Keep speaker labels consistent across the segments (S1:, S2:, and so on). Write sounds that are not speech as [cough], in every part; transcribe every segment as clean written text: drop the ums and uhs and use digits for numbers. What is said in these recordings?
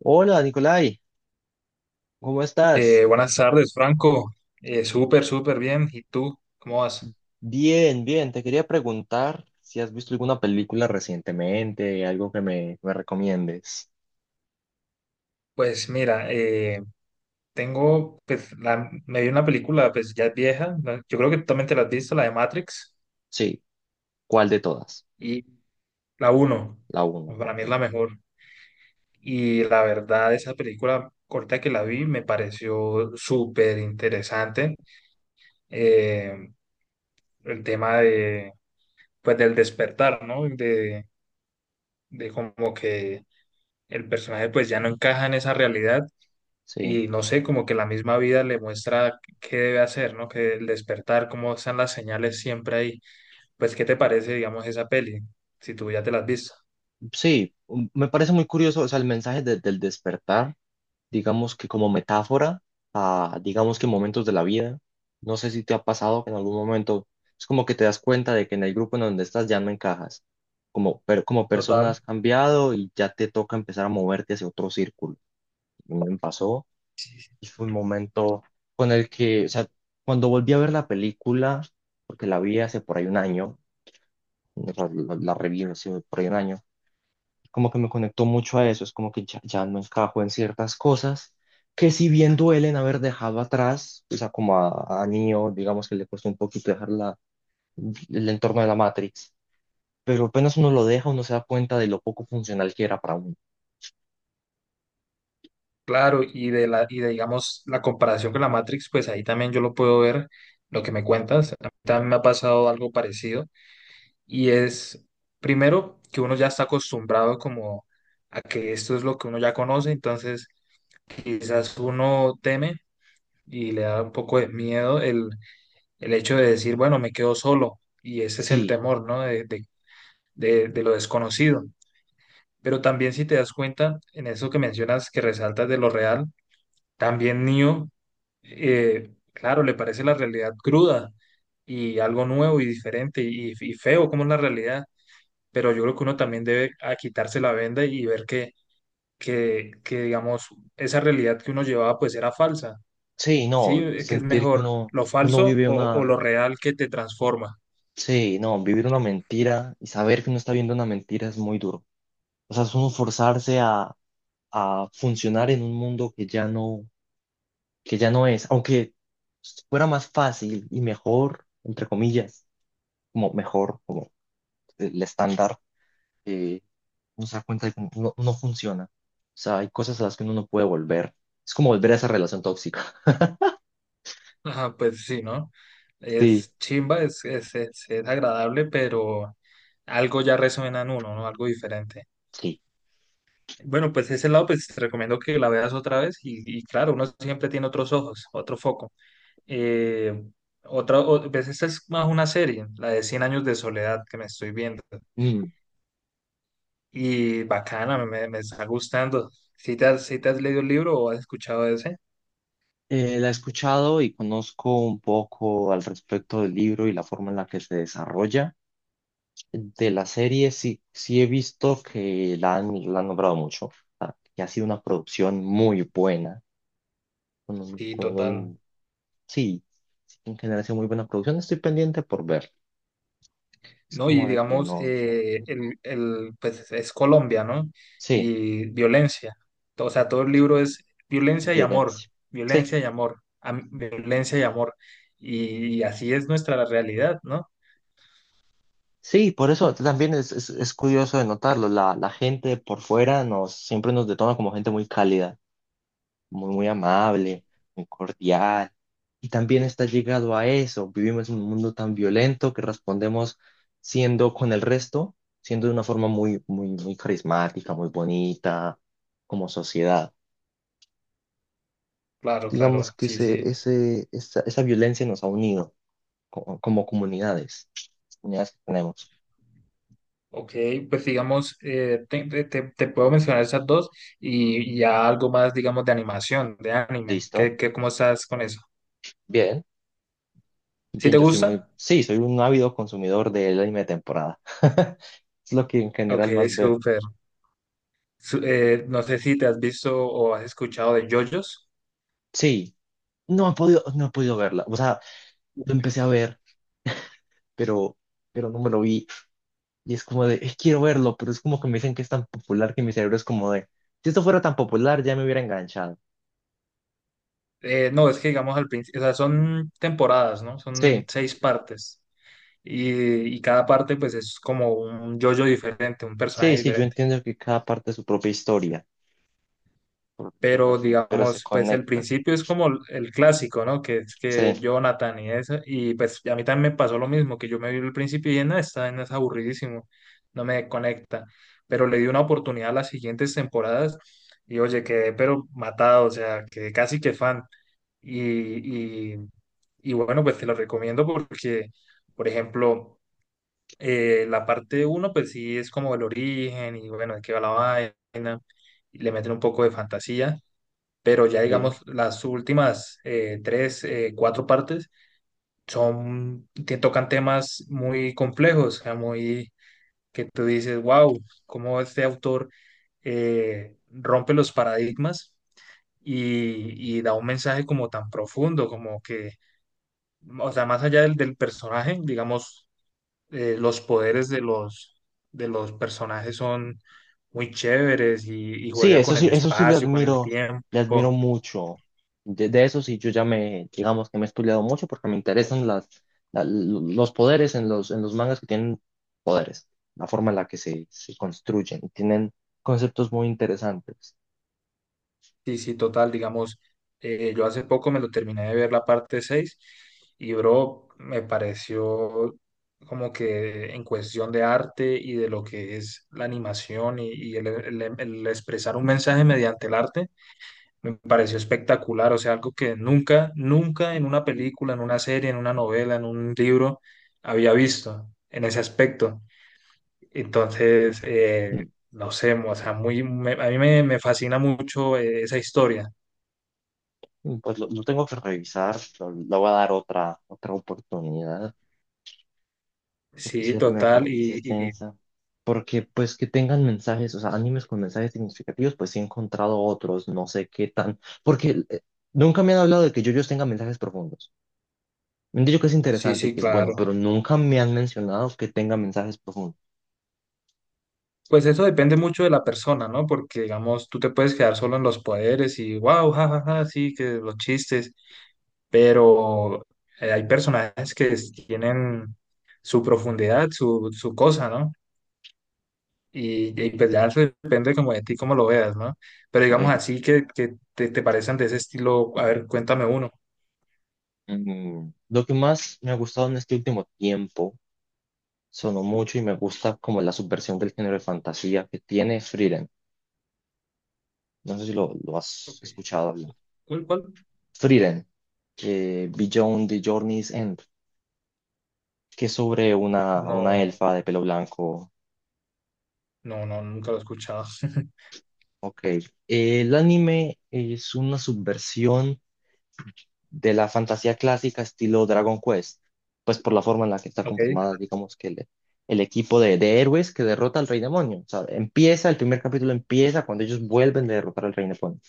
S1: Hola, Nicolai, ¿cómo estás?
S2: Buenas tardes, Franco. Súper súper bien. ¿Y tú? ¿Cómo vas?
S1: Bien, bien, te quería preguntar si has visto alguna película recientemente, algo que me recomiendes.
S2: Pues mira, tengo, pues, me vi una película, pues ya es vieja, ¿no? Yo creo que tú también te la has visto, la de Matrix.
S1: Sí, ¿cuál de todas?
S2: Y la uno,
S1: La uno,
S2: pues, para mí es
S1: ok.
S2: la mejor. Y la verdad, esa película corta que la vi me pareció súper interesante. Eh, el tema de, pues, del despertar, ¿no? De como que el personaje pues ya no encaja en esa realidad
S1: Sí,
S2: y no sé, como que la misma vida le muestra qué debe hacer, ¿no? Que el despertar, cómo están las señales siempre ahí. Pues, ¿qué te parece, digamos, esa peli? Si tú ya te la has visto.
S1: sí, me parece muy curioso, o sea, el mensaje del despertar, digamos que como metáfora a, digamos que momentos de la vida. No sé si te ha pasado que en algún momento es como que te das cuenta de que en el grupo en donde estás ya no encajas, como, pero como
S2: Total.
S1: persona has cambiado y ya te toca empezar a moverte hacia otro círculo. Y me pasó y fue un momento con el que, o sea, cuando volví a ver la película, porque la vi hace por ahí un año, la reví hace por ahí un año, como que me conectó mucho a eso, es como que ya, ya no encajo en ciertas cosas que si bien duelen haber dejado atrás, o sea, como a Neo, digamos que le costó un poquito dejar la, el entorno de la Matrix, pero apenas uno lo deja, uno se da cuenta de lo poco funcional que era para uno.
S2: Claro, y de, digamos, la comparación con la Matrix, pues ahí también yo lo puedo ver, lo que me cuentas. A mí también me ha pasado algo parecido. Y es, primero, que uno ya está acostumbrado como a que esto es lo que uno ya conoce, entonces quizás uno teme y le da un poco de miedo el hecho de decir, bueno, me quedo solo, y ese es el
S1: Sí,
S2: temor, ¿no? De lo desconocido. Pero también si te das cuenta, en eso que mencionas, que resaltas de lo real, también Neo, claro, le parece la realidad cruda y algo nuevo y diferente y feo como es la realidad, pero yo creo que uno también debe a quitarse la venda y ver que, digamos, esa realidad que uno llevaba pues era falsa,
S1: sí,
S2: ¿sí?
S1: no,
S2: Es que es
S1: sentir que
S2: mejor lo
S1: uno
S2: falso
S1: vive
S2: o
S1: una,
S2: lo real que te transforma.
S1: sí, no, vivir una mentira y saber que uno está viendo una mentira es muy duro. O sea, es uno forzarse a funcionar en un mundo que ya no, que ya no es, aunque fuera más fácil y mejor, entre comillas, como mejor, como el estándar, eh, uno se da cuenta de que no, no funciona. O sea, hay cosas a las que uno no puede volver. Es como volver a esa relación tóxica. [laughs]
S2: Ajá, pues sí, ¿no?
S1: Sí,
S2: Es chimba, es agradable, pero algo ya resuena en uno, ¿no? Algo diferente.
S1: sí.
S2: Bueno, pues ese lado, pues te recomiendo que la veas otra vez y claro, uno siempre tiene otros ojos, otro foco. Eh, Otra, pues esta es más una serie, la de Cien años de soledad que me estoy viendo.
S1: Mm.
S2: Y bacana, me está gustando. ¿Si te has leído el libro o has escuchado de ese?
S1: La he escuchado y conozco un poco al respecto del libro y la forma en la que se desarrolla. De la serie sí, sí he visto que la han nombrado mucho, ah, que ha sido una producción muy buena, con,
S2: Sí,
S1: con
S2: total.
S1: un... Sí, sí, en general hace muy buena producción. Estoy pendiente por ver. Es
S2: ¿No?
S1: como
S2: Y
S1: de que
S2: digamos,
S1: no.
S2: pues es Colombia, ¿no?
S1: Sí,
S2: Y violencia. O sea, todo el libro es violencia y amor,
S1: violencia. Sí,
S2: violencia y amor. Y así es nuestra realidad, ¿no?
S1: sí, por eso también es curioso de notarlo. La gente por fuera nos, siempre nos detona como gente muy cálida, muy amable, muy cordial. Y también está llegado a eso. Vivimos en un mundo tan violento que respondemos siendo con el resto, siendo de una forma muy carismática, muy bonita, como sociedad.
S2: Claro,
S1: Digamos
S2: claro,
S1: que
S2: sí, sí.
S1: esa violencia nos ha unido como, comunidades, comunidades que tenemos.
S2: Ok, pues digamos, te puedo mencionar esas dos y ya algo más, digamos, de animación, de anime.
S1: ¿Listo?
S2: ¿Cómo estás con eso?
S1: Bien.
S2: ¿Sí
S1: Bien,
S2: te
S1: yo soy muy,
S2: gusta?
S1: sí, soy un ávido consumidor del anime de temporada. [laughs] Es lo que en
S2: Ok,
S1: general más veo.
S2: súper. No sé si te has visto o has escuchado de JoJo's.
S1: Sí, no he podido, no he podido verla. O sea, lo empecé a ver, pero, pero no me lo vi. Y es como de, quiero verlo", pero es como que me dicen que es tan popular que mi cerebro es como de, si esto fuera tan popular ya me hubiera enganchado.
S2: No, es que digamos al principio, o sea, son temporadas, ¿no? Son
S1: Sí,
S2: 6 partes. Y, y cada parte pues es como un yo-yo diferente, un
S1: sí,
S2: personaje
S1: sí, yo
S2: diferente.
S1: entiendo que cada parte es su propia historia, por decirlo
S2: Pero
S1: así, pero se
S2: digamos, pues el
S1: conecta.
S2: principio es como el clásico, ¿no? Que es que
S1: Sí,
S2: Jonathan y eso, y pues a mí también me pasó lo mismo, que yo me vi el principio y en esta, en es aburridísimo, no me conecta, pero le di una oportunidad a las siguientes temporadas y oye, quedé pero matado, o sea, quedé casi que fan. Y, y, y bueno, pues te lo recomiendo porque, por ejemplo, la parte uno, pues sí es como el origen y bueno, de qué va la vaina, y le meten un poco de fantasía, pero ya
S1: sí.
S2: digamos las últimas tres, cuatro partes son, te tocan temas muy complejos, muy que tú dices, wow, cómo este autor rompe los paradigmas y da un mensaje como tan profundo, como que, o sea, más allá del personaje, digamos, los poderes de los personajes son muy chéveres y
S1: Sí,
S2: juega
S1: eso
S2: con
S1: sí,
S2: el
S1: eso sí
S2: espacio, con el
S1: le admiro
S2: tiempo.
S1: mucho. De eso sí, yo ya me, digamos que me he estudiado mucho porque me interesan las, los poderes en en los mangas que tienen poderes, la forma en la que se construyen y tienen conceptos muy interesantes.
S2: Sí, sí, total, digamos, yo hace poco me lo terminé de ver la parte 6 y bro, me pareció como que en cuestión de arte y de lo que es la animación y el expresar un mensaje mediante el arte, me pareció espectacular, o sea, algo que nunca, nunca en una película, en una serie, en una novela, en un libro había visto en ese aspecto. Entonces,
S1: Mm.
S2: no sé, o sea, muy, a mí me fascina mucho esa historia.
S1: Pues lo tengo que revisar, lo, le voy a dar otra oportunidad. Porque si
S2: Sí,
S1: la primera
S2: total,
S1: parte sí es
S2: y
S1: densa. Porque pues que tengan mensajes, o sea, animes con mensajes significativos, pues sí he encontrado otros, no sé qué tan, porque nunca me han hablado de que yo tenga mensajes profundos. Me han dicho que es
S2: sí,
S1: interesante y
S2: sí,
S1: que es bueno,
S2: claro.
S1: pero nunca me han mencionado que tenga mensajes profundos.
S2: Pues eso depende mucho de la persona, ¿no? Porque, digamos, tú te puedes quedar solo en los poderes y, wow, jajaja, sí, que los chistes, pero hay personajes que tienen su profundidad, su cosa, ¿no? Y pues ya eso depende como de ti, cómo lo veas, ¿no? Pero digamos
S1: Sí.
S2: así que, te parecen de ese estilo, a ver, cuéntame uno.
S1: Lo que más me ha gustado en este último tiempo, sonó mucho y me gusta como la subversión del género de fantasía que tiene Frieren. No sé si lo has
S2: Ok.
S1: escuchado hablar.
S2: ¿Cuál, cuál?
S1: Frieren, Beyond the Journey's End. Que es sobre
S2: No,
S1: una elfa de pelo blanco.
S2: no, no, nunca lo he escuchado. [laughs]
S1: Ok. El anime es una subversión de la fantasía clásica estilo Dragon Quest, pues por la forma en la que está
S2: Ok,
S1: conformada, digamos que el equipo de héroes que derrota al rey demonio. O sea, empieza, el primer capítulo empieza cuando ellos vuelven de derrotar al rey demonio.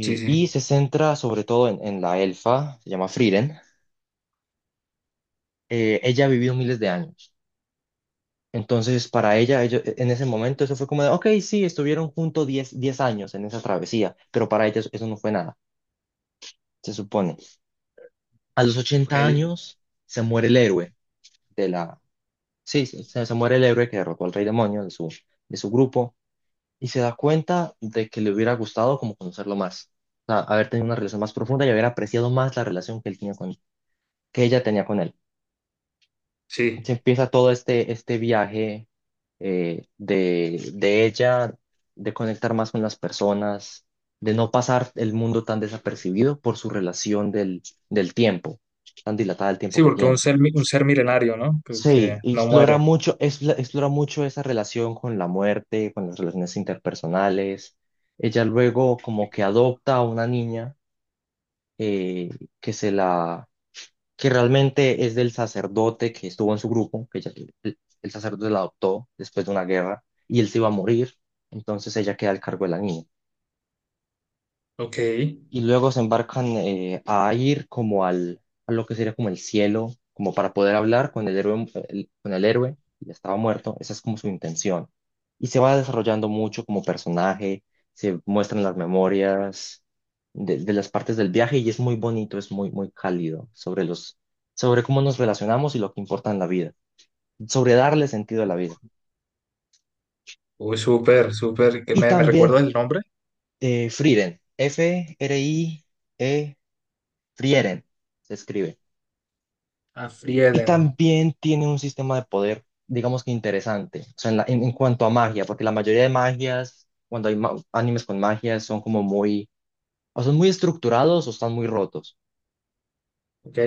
S2: sí,
S1: Y
S2: sí,
S1: se centra sobre todo en la elfa, se llama Frieren. Ella ha vivido miles de años. Entonces, para ella, en ese momento, eso fue como de, ok, sí, estuvieron juntos diez años en esa travesía, pero para ella eso no fue nada, se supone. A los ochenta
S2: ok.
S1: años se muere el héroe de la... Sí, se muere el héroe que derrotó al rey demonio de su grupo, y se da cuenta de que le hubiera gustado como conocerlo más, o sea, haber tenido una relación más profunda y haber apreciado más la relación que él tenía con, que ella tenía con él. Se
S2: Sí,
S1: empieza todo este, este viaje de ella, de conectar más con las personas, de no pasar el mundo tan desapercibido por su relación del, del tiempo, tan dilatada el tiempo
S2: sí,
S1: que
S2: porque un
S1: tiene.
S2: ser, un ser milenario, ¿no?
S1: Sí,
S2: Que
S1: y
S2: no
S1: explora
S2: muere.
S1: mucho, explora mucho esa relación con la muerte, con las relaciones interpersonales. Ella luego como que adopta a una niña eh, que se la, que realmente es del sacerdote que estuvo en su grupo, que el sacerdote la adoptó después de una guerra y él se iba a morir, entonces ella queda al cargo de la niña
S2: Ok.
S1: y luego se embarcan a ir como al, a lo que sería como el cielo, como para poder hablar con el héroe, con el héroe, y estaba muerto, esa es como su intención. Y se va desarrollando mucho como personaje, se muestran las memorias de las partes del viaje y es muy bonito, es muy, muy cálido sobre los, sobre cómo nos relacionamos y lo que importa en la vida, sobre darle sentido a la vida.
S2: Uy, súper, súper. ¿Que
S1: Y
S2: me
S1: también
S2: recuerdas el nombre?
S1: Frieren, F-R-I-E, Frieren, se escribe.
S2: A
S1: Y
S2: Frieden.
S1: también tiene un sistema de poder, digamos que interesante, o sea, en, en cuanto a magia, porque la mayoría de magias, cuando hay animes con magias son como muy, o son muy estructurados o están muy rotos.
S2: Ok.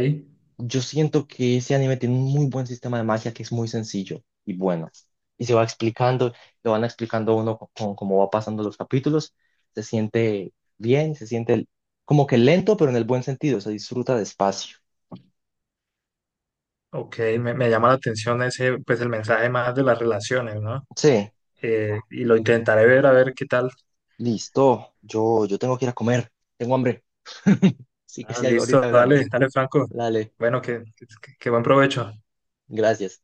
S1: Yo siento que ese anime tiene un muy buen sistema de magia que es muy sencillo y bueno. Y se va explicando, lo van explicando a uno cómo va pasando los capítulos. Se siente bien, se siente como que lento, pero en el buen sentido, se disfruta despacio.
S2: Ok, me llama la atención ese, pues el mensaje más de las relaciones, ¿no?
S1: Sí.
S2: Y lo intentaré ver, a ver qué tal.
S1: Listo, yo tengo que ir a comer, tengo hambre. [laughs] Sí que
S2: Ah,
S1: sí, ahorita
S2: listo,
S1: hablamos.
S2: dale, dale, Franco.
S1: Dale,
S2: Bueno, que buen provecho.
S1: gracias.